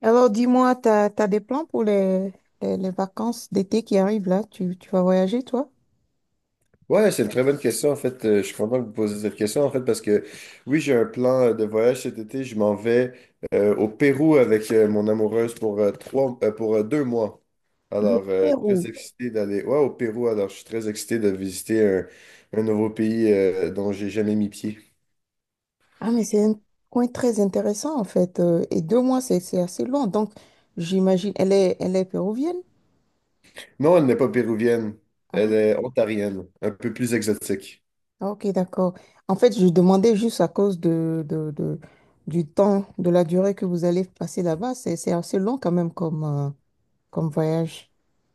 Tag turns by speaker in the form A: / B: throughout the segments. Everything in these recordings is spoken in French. A: Alors, dis-moi, t'as des plans pour les vacances d'été qui arrivent là? Tu vas voyager, toi?
B: Ouais, c'est une très bonne question. En fait, je suis content que vous posiez cette question. En fait, parce que oui, j'ai un plan de voyage cet été. Je m'en vais au Pérou avec mon amoureuse pour 2 mois.
A: Le
B: Alors, très
A: Pérou.
B: excité d'aller ouais, au Pérou. Alors, je suis très excité de visiter un nouveau pays dont j'ai jamais mis pied.
A: Ah, mais c'est un coin très intéressant, en fait. Et deux mois, c'est assez long. Donc, j'imagine, elle est péruvienne?
B: Non, elle n'est pas péruvienne. Elle
A: Ah,
B: est ontarienne, un peu plus exotique.
A: ok, d'accord. En fait, je demandais juste à cause du temps, de la durée que vous allez passer là-bas. C'est assez long quand même comme, comme voyage.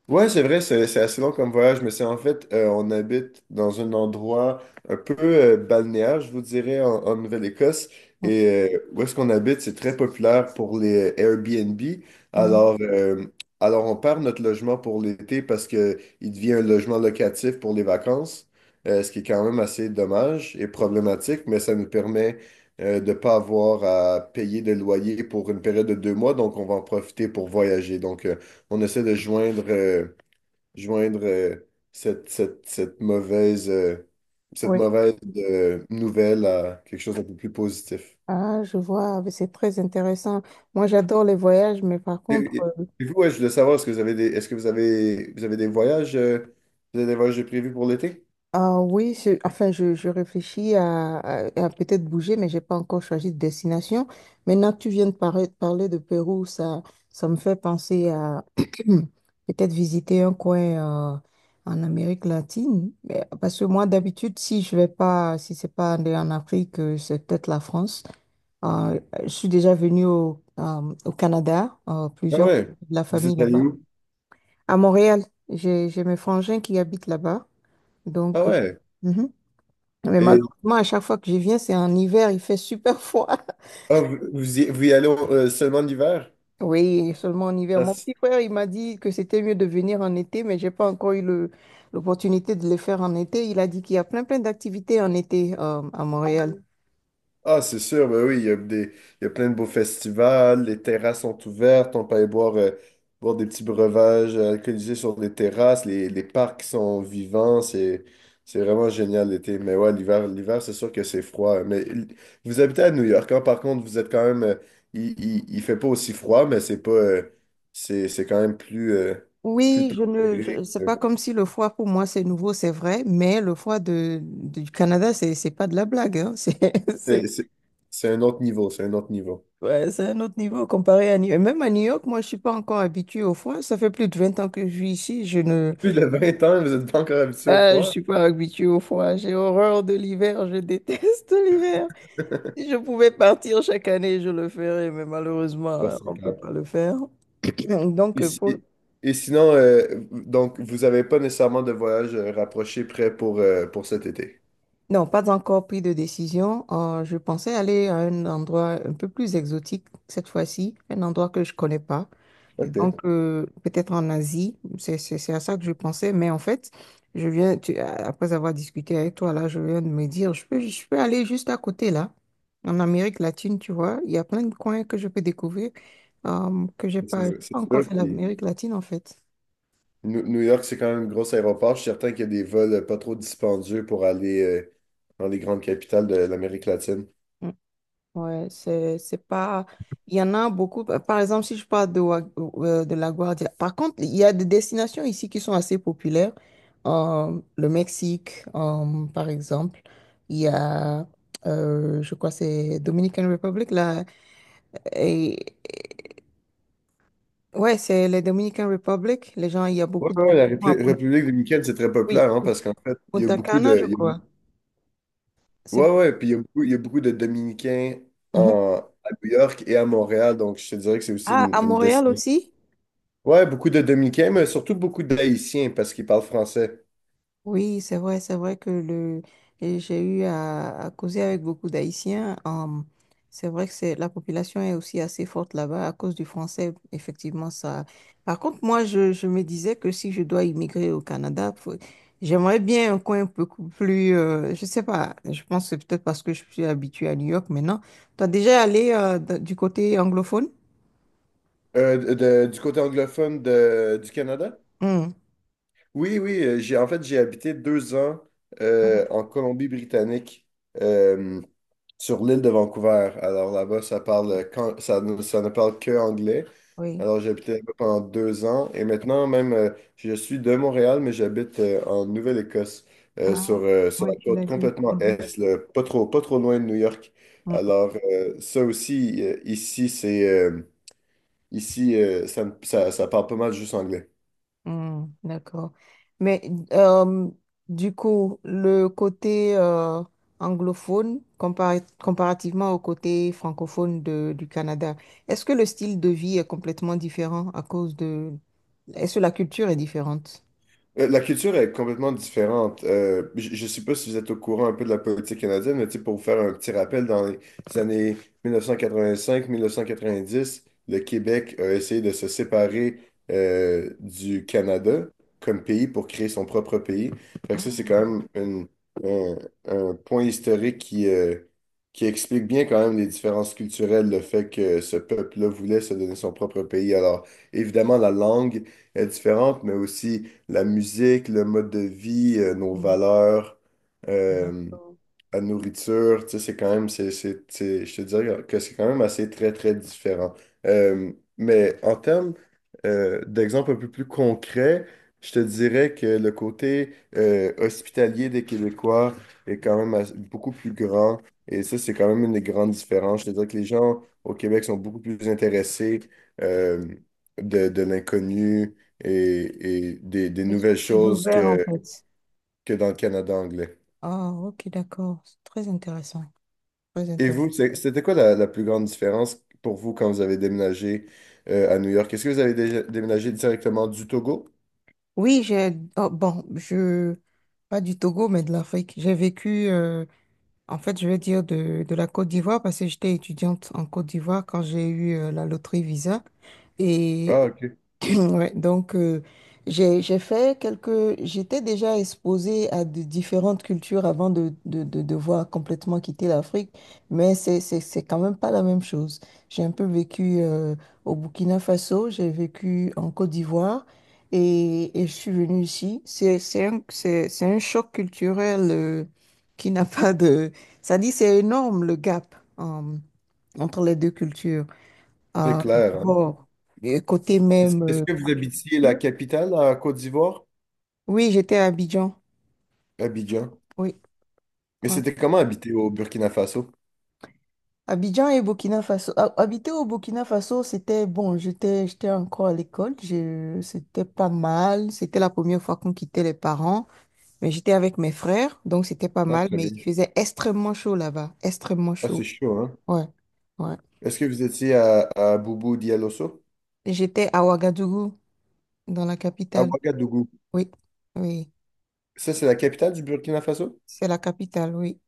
B: Ouais, c'est vrai, c'est assez long comme voyage, mais c'est en fait, on habite dans un endroit un peu balnéaire, je vous dirais, en Nouvelle-Écosse.
A: Mm,
B: Et où est-ce qu'on habite, c'est très populaire pour les Airbnb.
A: mm,
B: Alors, euh, alors, on perd notre logement pour l'été parce que il devient un logement locatif pour les vacances, ce qui est quand même assez dommage et problématique, mais ça nous permet de ne pas avoir à payer de loyer pour une période de 2 mois, donc on va en profiter pour voyager. Donc, on essaie de joindre, joindre euh, cette, cette, cette mauvaise, euh, cette
A: oui.
B: mauvaise nouvelle à quelque chose d'un peu plus positif.
A: Ah, je vois, mais c'est très intéressant. Moi, j'adore les voyages, mais par
B: Et,
A: contre,
B: et- et vous, ouais, je voulais savoir, est-ce que vous avez, vous avez des voyages de prévus pour l'été?
A: ah oui, enfin, je réfléchis à peut-être bouger, mais j'ai pas encore choisi de destination. Maintenant que tu viens de parler de Pérou, ça me fait penser à peut-être visiter un coin euh, en Amérique latine. Parce que moi, d'habitude, si je vais pas, si c'est pas aller en Afrique, c'est peut-être la France. Enfin, je suis déjà venue au, au Canada,
B: Ah
A: plusieurs, fois,
B: ouais.
A: de la
B: Vous
A: famille
B: êtes allé
A: là-bas.
B: où?
A: À Montréal, j'ai mes frangins qui habitent là-bas.
B: Ah
A: Donc,
B: ouais.
A: mhm. Mais
B: Et
A: malheureusement, à chaque fois que je viens, c'est en hiver, il fait super froid.
B: ah, vous y allez seulement l'hiver?
A: Oui, seulement en hiver.
B: Ah,
A: Mon
B: si.
A: petit frère, il m'a dit que c'était mieux de venir en été, mais j'ai pas encore eu l'opportunité de le faire en été. Il a dit qu'il y a plein d'activités en été, à Montréal.
B: Ah, c'est sûr, ben oui, il y a plein de beaux festivals, les terrasses sont ouvertes, on peut aller boire, boire des petits breuvages alcoolisés sur les terrasses, les parcs sont vivants, c'est vraiment génial l'été. Mais ouais, l'hiver, c'est sûr que c'est froid, hein. Mais vous habitez à New York, hein, par contre, vous êtes quand même, il fait pas aussi froid, mais c'est pas, c'est quand même plus, plus
A: Oui, je ne,
B: tempéré.
A: je- c'est pas comme si le froid pour moi c'est nouveau, c'est vrai, mais le froid du Canada, c'est pas de la blague, hein.
B: C'est
A: C'est,
B: c'est- c'est un autre niveau, c'est un autre niveau.
A: ouais, c'est un autre niveau comparé à New York. Même à New York, moi, je suis pas encore habituée au froid. Ça fait plus de 20 ans que je vis ici. Je ne,
B: Plus de 20 ans, vous êtes pas encore habitué au
A: ah, je
B: froid?
A: suis pas habituée au froid. J'ai horreur de l'hiver. Je déteste l'hiver. Si je pouvais partir chaque année, je le ferais, mais
B: Ah,
A: malheureusement,
B: c'est
A: on peut
B: clair.
A: pas le faire. Donc,
B: Et,
A: euh,
B: si-
A: pour,
B: et sinon, donc, vous n'avez pas nécessairement de voyage rapproché prêt pour, pour cet été.
A: Non, pas encore pris de décision. Je pensais aller à un endroit un peu plus exotique cette fois-ci, un endroit que je connais pas. Et
B: OK.
A: donc, peut-être en Asie, c'est à ça que je pensais. Mais en fait, après avoir discuté avec toi, là, je viens de me dire, je peux aller juste à côté, là, en Amérique latine, tu vois. Il y a plein de coins que je peux découvrir, que
B: C'est
A: j'ai
B: vrai, c'est
A: pas encore
B: sûr.
A: fait
B: Puis
A: l'Amérique latine, en fait.
B: New York, c'est quand même un gros aéroport. Je suis certain qu'il y a des vols pas trop dispendieux pour aller dans les grandes capitales de l'Amérique latine.
A: Mm. Ouais, c'est pas. Il y en a beaucoup. Par par exemple, si je parle de La Guardia. Par contre, il y a des destinations ici qui sont assez populaires. Le Mexique, par exemple. Il y a, je crois, que c'est Dominican Republic, là. Et, et- ouais, c'est les Dominican Republic. Les gens, il y a
B: Ouais,
A: beaucoup de gens
B: ouais, la
A: qui vont à Punta,
B: République dominicaine, c'est très
A: oui,
B: populaire, hein, parce qu'en fait, il y a
A: Punta
B: beaucoup
A: Cana,
B: de.
A: je
B: Il y a bou-
A: crois. C'est,
B: ouais, ouais, puis il y a beaucoup de Dominicains
A: mhm.
B: en, à New York et à Montréal, donc je te dirais que c'est aussi
A: Ah, à
B: une
A: Montréal
B: destination.
A: aussi?
B: Ouais, beaucoup de Dominicains, mais surtout beaucoup d'Haïtiens parce qu'ils parlent français.
A: Oui, c'est vrai, et j'ai eu à causer avec beaucoup d'Haïtiens. Hum, c'est vrai que c'est, la population est aussi assez forte là-bas à cause du français. Effectivement, ça. Par contre, je me disais que si je dois immigrer au Canada, j'aimerais bien un coin beaucoup plus. Euh, je sais pas. Je pense que c'est peut-être parce que je suis habituée à New York maintenant. Tu as déjà allé du côté anglophone?
B: Du côté anglophone du Canada?
A: Hum,
B: Oui, oui, j'ai en fait j'ai habité 2 ans
A: Ah, d'accord.
B: en Colombie-Britannique euh, sur l'île de Vancouver. Alors là-bas, ça parle quand, ça ne parle que anglais.
A: Oui.
B: Alors j'ai habité là-bas pendant 2 ans et maintenant même je suis de Montréal, mais j'habite en Nouvelle-Écosse
A: Ah,
B: sur
A: ouais,
B: la
A: tu
B: côte
A: l'as dit.
B: complètement est, là, pas trop, pas trop loin de New York.
A: Mhm.
B: Alors ça aussi, ici, ça parle pas mal juste anglais.
A: Hmm, d'accord. Mais euh, du coup, le côté anglophone comparativement au côté francophone du Canada, est-ce que le style de vie est complètement différent à cause de... Est-ce que la culture est différente?
B: La culture est complètement différente. Je ne sais pas si vous êtes au courant un peu de la politique canadienne, mais tu sais, pour vous faire un petit rappel, dans les années 1985-1990, le Québec a essayé de se séparer du Canada comme pays pour créer son propre pays. Fait que
A: Ah,
B: ça, c'est quand même un, un point historique qui explique bien quand même les différences culturelles, le fait que ce peuple-là voulait se donner son propre pays. Alors, évidemment, la langue est différente, mais aussi la musique, le mode de vie, nos
A: hmm,
B: valeurs. Euh,
A: d'accord.
B: la nourriture, tu sais, c'est quand même, c'est- je te dirais que c'est quand même assez très, très différent. Euh, mais en termes d'exemples un peu plus concrets, je te dirais que le côté hospitalier des Québécois est quand même beaucoup plus grand. Et ça, c'est quand même une des grandes différences. Je te dirais que les gens au Québec sont beaucoup plus intéressés euh, de l'inconnu et des
A: Ils sont
B: nouvelles
A: plus
B: choses
A: ouverts en
B: que,
A: fait.
B: que dans le Canada anglais.
A: Ah, ok, d'accord. C'est très intéressant. Très
B: Et
A: intéressant.
B: vous, c'était quoi la plus grande différence pour vous quand vous avez déménagé à New York? Est-ce que vous avez déjà déménagé directement du Togo?
A: Oui, j'ai... oh, bon, je... Pas du Togo, mais de l'Afrique. J'ai vécu en fait, je vais dire de la Côte d'Ivoire parce que j'étais étudiante en Côte d'Ivoire quand j'ai eu la loterie Visa. Et
B: Ah, OK.
A: ouais, donc, j'ai fait quelques... J'étais déjà exposée à de différentes cultures avant de devoir complètement quitter l'Afrique, mais c'est quand même pas la même chose. J'ai un peu vécu au Burkina Faso, j'ai vécu en Côte d'Ivoire et je suis venue ici. C'est un choc culturel qui n'a pas de... Ça dit, c'est énorme le gap entre les deux cultures.
B: C'est
A: Ah,
B: clair, hein?
A: d'abord, côté
B: Est-ce
A: même...
B: est-ce que vous habitiez
A: oui,
B: la capitale à Côte d'Ivoire?
A: oui, j'étais à Abidjan.
B: Abidjan.
A: Oui,
B: Mais
A: ouais.
B: c'était comment habiter au Burkina Faso?
A: Abidjan et Burkina Faso. Habiter au Burkina Faso, c'était bon. J'étais encore à l'école. C'était pas mal. C'était la première fois qu'on quittait les parents. Mais j'étais avec mes frères, donc c'était pas
B: Ah,
A: mal.
B: très
A: Mais
B: bien.
A: il faisait extrêmement chaud là-bas. Extrêmement
B: Ah,
A: chaud.
B: c'est chaud, hein?
A: Ouais, ouais.
B: Est-ce que vous étiez à Boubou Dialosso?
A: Et j'étais à Ouagadougou, dans la
B: À
A: capitale.
B: Ouagadougou.
A: Oui, oui.
B: Ça, c'est la capitale du Burkina Faso?
A: C'est la capitale, oui.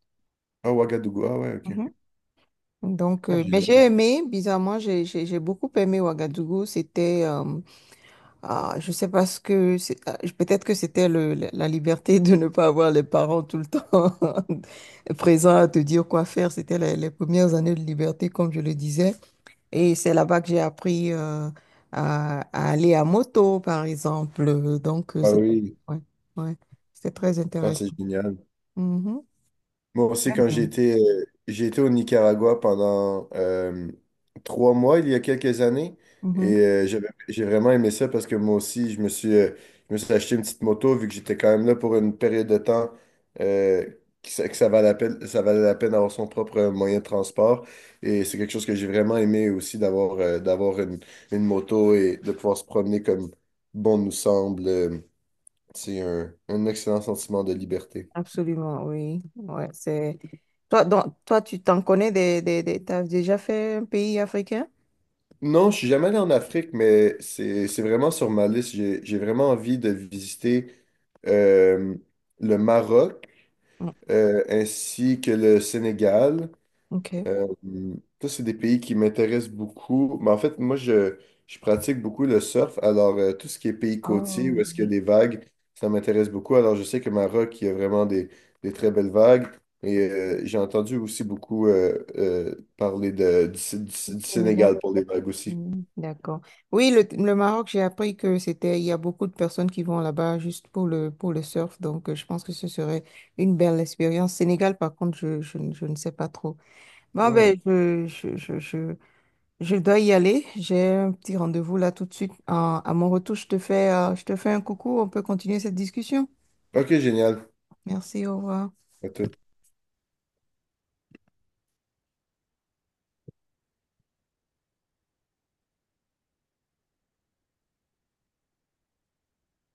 B: Ah, Ouagadougou. Ah ouais, OK.
A: Mhm. Donc,
B: Ah,
A: mais
B: génial.
A: j'ai aimé, bizarrement, j'ai beaucoup aimé Ouagadougou. C'était ah, je sais pas ce que c'est. Ah, peut-être que c'était le, la la liberté de ne pas avoir les parents tout le temps présents à te dire quoi faire. C'était les premières années de liberté, comme je le disais. Et c'est là-bas que j'ai appris à aller à moto, par exemple. Donc,
B: Ah
A: c'est
B: oui.
A: ouais, ouais, c'était très
B: Ah,
A: intéressant.
B: c'est génial.
A: Mhm,
B: Moi aussi, quand j'ai
A: mm.
B: été, euh, j'ai été au Nicaragua pendant 3 mois il y a quelques années
A: Mhm,
B: et j'ai vraiment aimé ça parce que moi aussi, je me suis acheté une petite moto vu que j'étais quand même là pour une période de temps euh, que ça valait la peine, ça valait la peine d'avoir son propre moyen de transport et c'est quelque chose que j'ai vraiment aimé aussi d'avoir une moto et de pouvoir se promener comme bon nous semble. C'est un excellent sentiment de liberté.
A: absolument, oui. Ouais, c'est toi. Donc, toi, tu t'en connais t'as déjà fait un pays africain?
B: Non, je suis jamais allé en Afrique, mais c'est vraiment sur ma liste. J'ai vraiment envie de visiter euh, le Maroc
A: Mm,
B: ainsi que le Sénégal.
A: ok.
B: Euh, ça, c'est des pays qui m'intéressent beaucoup. Mais en fait, moi, je pratique beaucoup le surf. Alors, tout ce qui est pays côtier, où
A: Oh,
B: est-ce qu'il y a
A: oui.
B: des vagues, ça m'intéresse beaucoup. Alors, je sais que Maroc, il y a vraiment des très belles vagues. Et j'ai entendu aussi beaucoup parler du
A: Sénégal.
B: Sénégal pour les vagues aussi.
A: Mm, d'accord. Oui, le Maroc, j'ai appris que c'était, il y a beaucoup de personnes qui vont là-bas juste pour pour le surf, donc je pense que ce serait une belle expérience. Sénégal, par contre, je ne sais pas trop. Bon,
B: Ouais.
A: ben, je dois y aller. J'ai un petit rendez-vous là tout de suite. À mon retour, je te fais un coucou. On peut continuer cette discussion.
B: OK, génial.
A: Merci, au revoir.
B: À tout.